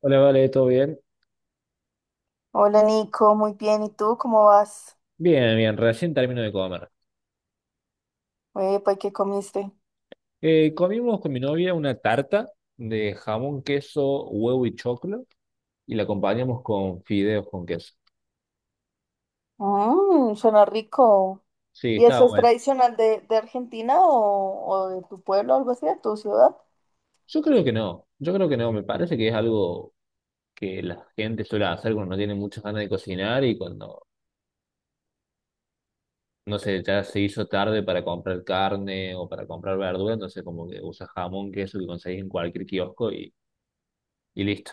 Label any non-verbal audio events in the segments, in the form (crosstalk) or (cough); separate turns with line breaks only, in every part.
Hola, vale, ¿todo bien?
Hola Nico, muy bien. ¿Y tú cómo vas?
Bien, bien, recién termino de comer.
Epa, ¿y qué comiste?
Comimos con mi novia una tarta de jamón, queso, huevo y choclo y la acompañamos con fideos con queso.
Mmm, suena rico.
Sí,
¿Y
estaba
eso es
bueno.
tradicional de Argentina o de tu pueblo, algo así, de tu ciudad?
Yo creo que no, yo creo que no, me parece que es algo que la gente suele hacer cuando no tiene muchas ganas de cocinar y cuando, no sé, ya se hizo tarde para comprar carne o para comprar verdura, entonces como que usa jamón, queso que conseguís en cualquier kiosco y listo.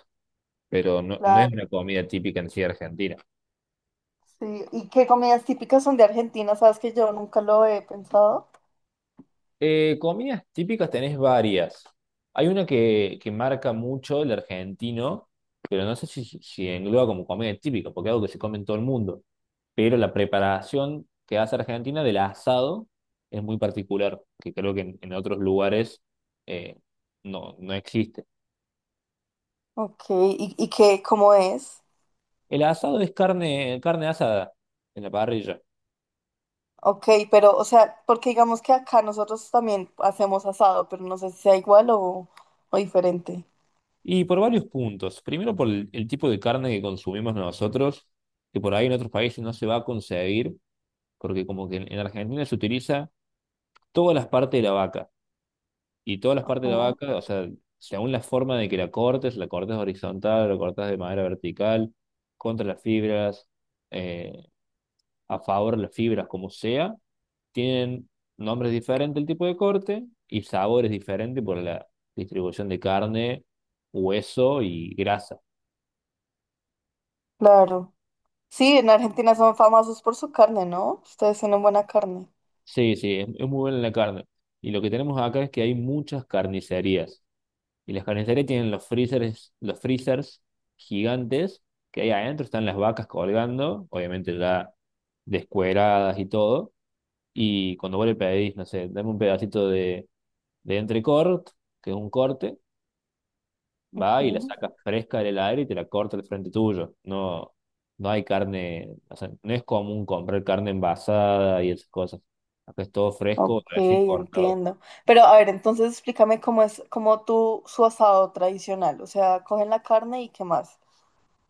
Pero no, no es
Claro,
una comida típica en sí de Argentina.
sí. ¿Y qué comidas típicas son de Argentina? Sabes que yo nunca lo he pensado.
Comidas típicas tenés varias. Hay una que marca mucho el argentino, pero no sé si engloba como comida típica, porque es algo que se come en todo el mundo. Pero la preparación que hace Argentina del asado es muy particular, que creo que en otros lugares eh, no, no existe.
Ok, qué, cómo es?
El asado es carne, carne asada en la parrilla.
Ok, pero, o sea, porque digamos que acá nosotros también hacemos asado, pero no sé si sea igual o diferente.
Y por varios puntos. Primero por el tipo de carne que consumimos nosotros, que por ahí en otros países no se va a conseguir porque como que en Argentina se utiliza todas las partes de la vaca, y todas las partes de la
Ujú.
vaca, o sea, según la forma de que la cortes horizontal, la cortas de manera vertical, contra las fibras, eh, a favor de las fibras, como sea, tienen nombres diferentes el tipo de corte y sabores diferentes por la distribución de carne, hueso y grasa.
Claro. Sí, en Argentina son famosos por su carne, ¿no? Ustedes tienen buena carne.
Sí, sí, es muy buena la carne. Y lo que tenemos acá es que hay muchas carnicerías. Y las carnicerías tienen los freezers gigantes que ahí adentro están las vacas colgando, obviamente ya descueradas y todo. Y cuando vos le pedís, no sé, dame un pedacito de entrecort, que es un corte,
Ok,
va y la sacas fresca del aire y te la corta al frente tuyo. No, no hay carne, o sea, no es común comprar carne envasada y esas cosas. Acá es todo fresco,
ok,
recién cortado.
entiendo. Pero a ver, entonces explícame cómo es, cómo tú, su asado tradicional. O sea, cogen la carne y qué más.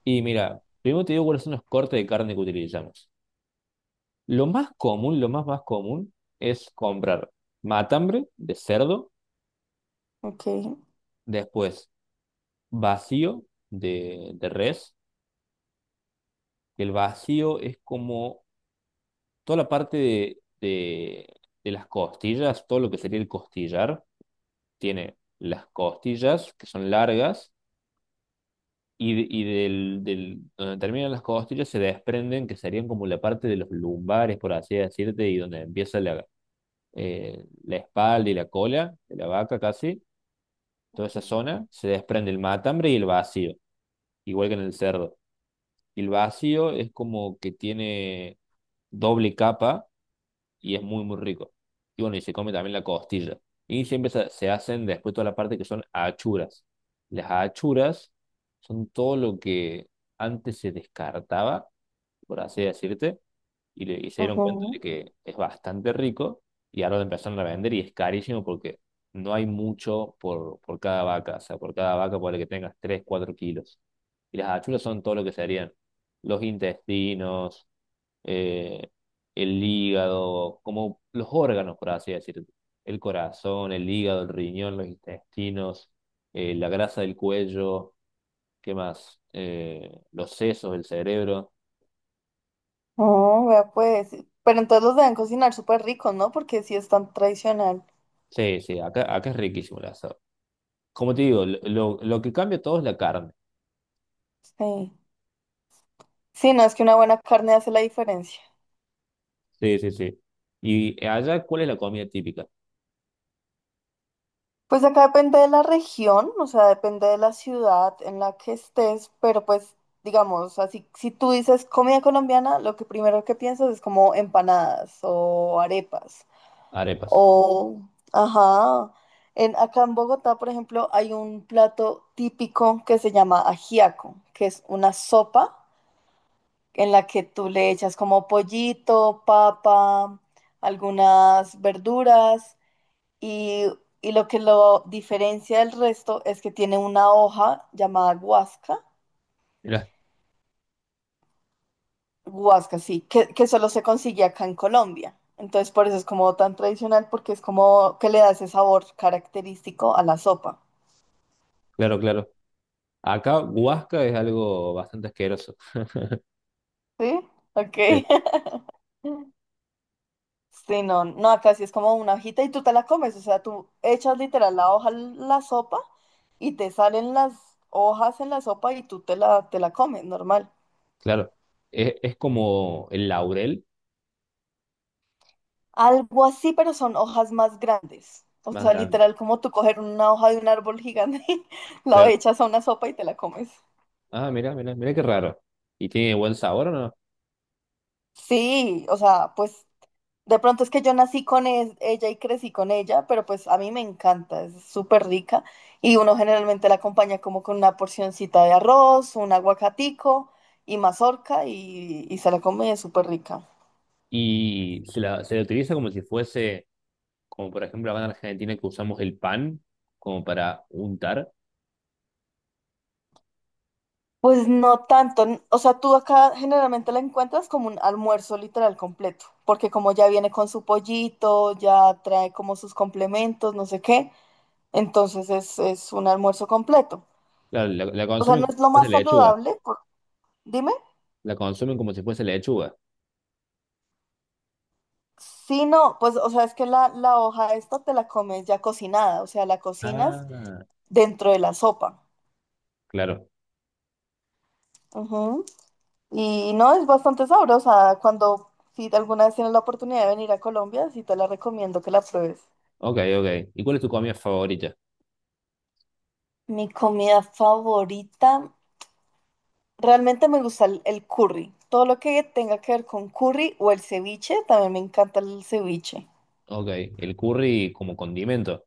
Y mira, primero te digo cuáles son los cortes de carne que utilizamos. Lo más común, lo más común es comprar matambre de cerdo,
Ok.
después vacío de res. El vacío es como toda la parte de las costillas, todo lo que sería el costillar. Tiene las costillas que son largas y donde terminan las costillas se desprenden, que serían como la parte de los lumbares, por así decirte, y donde empieza la espalda y la cola de la vaca. Casi toda
Ok.
esa zona se desprende el matambre y el vacío, igual que en el cerdo. Y el vacío es como que tiene doble capa y es muy, muy rico. Y bueno, y se come también la costilla. Y siempre se hacen después toda la parte que son achuras. Las achuras son todo lo que antes se descartaba, por así decirte y se dieron cuenta
Ujú.
de que es bastante rico y ahora lo empezaron a vender y es carísimo porque no hay mucho por cada vaca, o sea, por cada vaca puede que tengas 3 4 kilos. Y las achuras son todo lo que serían los intestinos, eh, el hígado, como los órganos, por así decirlo. El corazón, el hígado, el riñón, los intestinos, la grasa del cuello, ¿qué más? Los sesos, el cerebro.
Oh, vea pues. Pero entonces los deben cocinar súper ricos, ¿no? Porque sí es tan tradicional.
Sí, sí, acá es riquísimo. La Como te digo, lo que cambia todo es la carne.
Sí. Sí, no, es que una buena carne hace la diferencia.
Sí, sí, sí. Y allá, ¿cuál es la comida típica?
Pues acá depende de la región, o sea, depende de la ciudad en la que estés, pero pues digamos, así, si tú dices comida colombiana, lo que primero que piensas es como empanadas o arepas
Arepas.
o, ajá, en, acá en Bogotá, por ejemplo, hay un plato típico que se llama ajiaco, que es una sopa en la que tú le echas como pollito, papa, algunas verduras. Y, y lo que lo diferencia del resto es que tiene una hoja llamada guasca,
Mirá,
guasca, sí, que solo se consigue acá en Colombia. Entonces por eso es como tan tradicional, porque es como que le da ese sabor característico a la sopa.
claro, claro. Acá, guasca es algo bastante asqueroso.
¿Sí? Ok.
Sí,
(laughs) Sí, no, no, acá sí es como una hojita y tú te la comes, o sea, tú echas literal la hoja en la sopa y te salen las hojas en la sopa y tú te la comes, normal.
claro. Es como el laurel
Algo así, pero son hojas más grandes. O
más
sea,
grande.
literal, como tú coger una hoja de un árbol gigante, (laughs) la
Claro.
echas a una sopa y te la comes.
Ah, mira, mira, mira qué raro. ¿Y tiene buen sabor o no?
Sí, o sea, pues de pronto es que yo nací con ella y crecí con ella, pero pues a mí me encanta, es súper rica y uno generalmente la acompaña como con una porcioncita de arroz, un aguacatico y mazorca y se la come, es súper rica.
Y se la utiliza como si fuese, como por ejemplo acá en Argentina que usamos el pan como para untar.
Pues no tanto, o sea, tú acá generalmente la encuentras como un almuerzo literal completo, porque como ya viene con su pollito, ya trae como sus complementos, no sé qué, entonces es un almuerzo completo.
Claro, la
O sea,
consumen
no
como
es
si
lo
fuese
más
lechuga.
saludable, dime.
La consumen como si fuese lechuga.
Sí, no, pues, o sea, es que la hoja esta te la comes ya cocinada, o sea, la cocinas
Ah.
dentro de la sopa.
Claro.
Ujú. Y no, es bastante sabrosa. Cuando, si alguna vez tienes la oportunidad de venir a Colombia, sí te la recomiendo que la pruebes.
Ok, ok. ¿Y cuál es tu comida favorita?
Mi comida favorita, realmente me gusta el curry. Todo lo que tenga que ver con curry o el ceviche, también me encanta el ceviche.
Ok, el curry como condimento.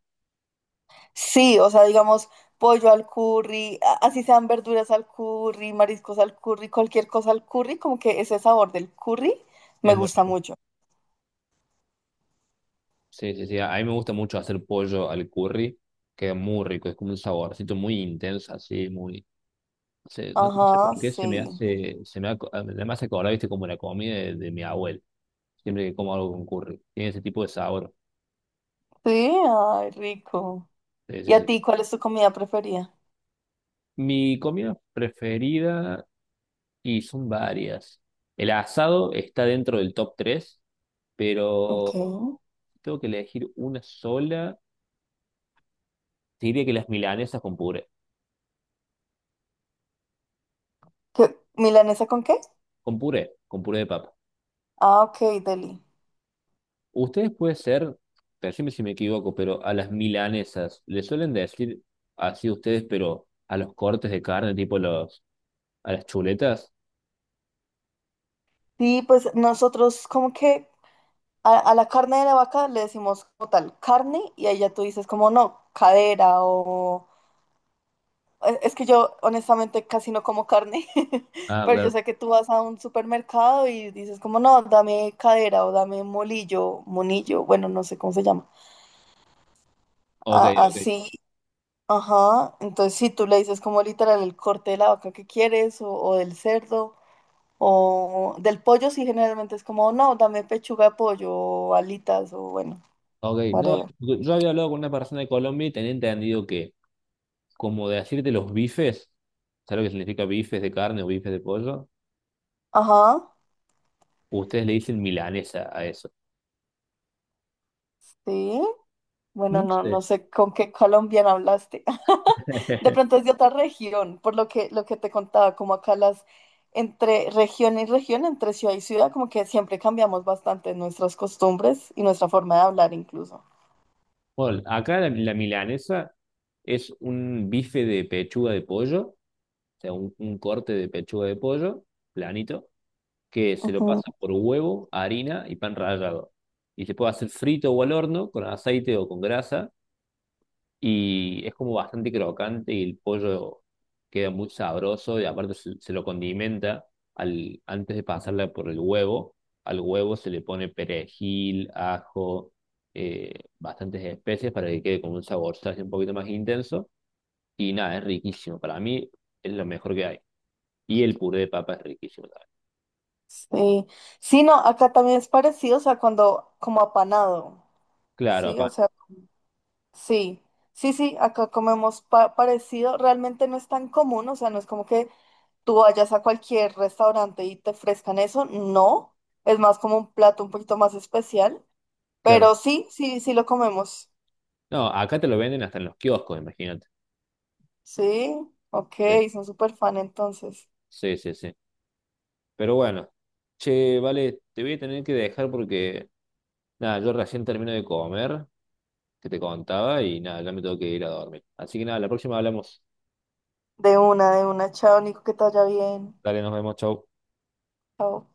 Sí, o sea, digamos, pollo al curry, así sean verduras al curry, mariscos al curry, cualquier cosa al curry, como que ese sabor del curry
Es
me
muy
gusta
rico.
mucho.
Sí, sí, sí. A mí me gusta mucho hacer pollo al curry. Queda muy rico. Es como un saborcito muy intenso, así, muy. No sé, no, no sé por
Ajá,
qué se me
sí.
hace. Me hace acordar, viste, como la comida de mi abuelo. Siempre que como algo con curry. Tiene ese tipo de sabor.
Sí, ay, rico.
Sí,
¿Y
sí,
a
sí.
ti cuál es tu comida preferida?
Mi comida preferida, y son varias. El asado está dentro del top 3,
Ok.
pero tengo que elegir una sola, te diría que las milanesas con puré.
¿Qué? ¿Milanesa con qué?
Con puré, con puré de papa.
Ah, ok, deli.
Ustedes puede ser, decime si me equivoco, pero a las milanesas le suelen decir así ustedes, pero a los cortes de carne, tipo a las chuletas.
Sí, pues nosotros como que a la carne de la vaca le decimos como tal carne y ahí ya tú dices como no, cadera o... Es que yo honestamente casi no como carne, (laughs)
Ah,
pero yo
claro.
sé que tú vas a un supermercado y dices como no, dame cadera o dame molillo, monillo, bueno, no sé cómo se llama.
Ok, ok.
Así, ajá. Entonces si tú le dices como literal el corte de la vaca que quieres o del cerdo o del pollo, sí generalmente es como no, dame pechuga de pollo o alitas o bueno,
Ok, no,
whatever.
yo había hablado con una persona de Colombia y tenía entendido que, como decirte los bifes, ¿sabes lo que significa bifes de carne o bifes de pollo?
Ajá.
Ustedes le dicen milanesa a eso.
Sí, bueno,
No
no,
sé.
no sé con qué colombiano hablaste. (laughs) De
(laughs)
pronto es de otra región, por lo que te contaba, como acá las entre región y región, entre ciudad y ciudad, como que siempre cambiamos bastante nuestras costumbres y nuestra forma de hablar incluso.
Bueno, acá la milanesa es un bife de pechuga de pollo, o sea, un corte de pechuga de pollo, planito, que se lo
Ujú.
pasa por huevo, harina y pan rallado. Y se puede hacer frito o al horno, con aceite o con grasa y es como bastante crocante y el pollo queda muy sabroso y aparte se lo condimenta antes de pasarla por el huevo. Al huevo se le pone perejil, ajo, bastantes especias para que quede con un sabor así un poquito más intenso. Y nada, es riquísimo. Para mí es lo mejor que hay. Y el puré de papa es riquísimo también.
Sí. Sí, no, acá también es parecido, o sea, cuando como apanado,
Claro,
sí, o
papá,
sea, sí, sí, sí, acá comemos parecido, realmente no es tan común, o sea, no es como que tú vayas a cualquier restaurante y te ofrezcan eso, no, es más como un plato un poquito más especial,
claro.
pero sí, sí, sí lo comemos.
No, acá te lo venden hasta en los kioscos, imagínate.
Sí, ok,
Sí,
son súper fan entonces.
sí, sí. Sí. Pero bueno, che, vale, te voy a tener que dejar porque, nada, yo recién termino de comer, que te contaba, y nada, ya me tengo que ir a dormir. Así que nada, la próxima hablamos.
De una, chao, Nico, que te vaya bien.
Dale, nos vemos, chau.
Chao.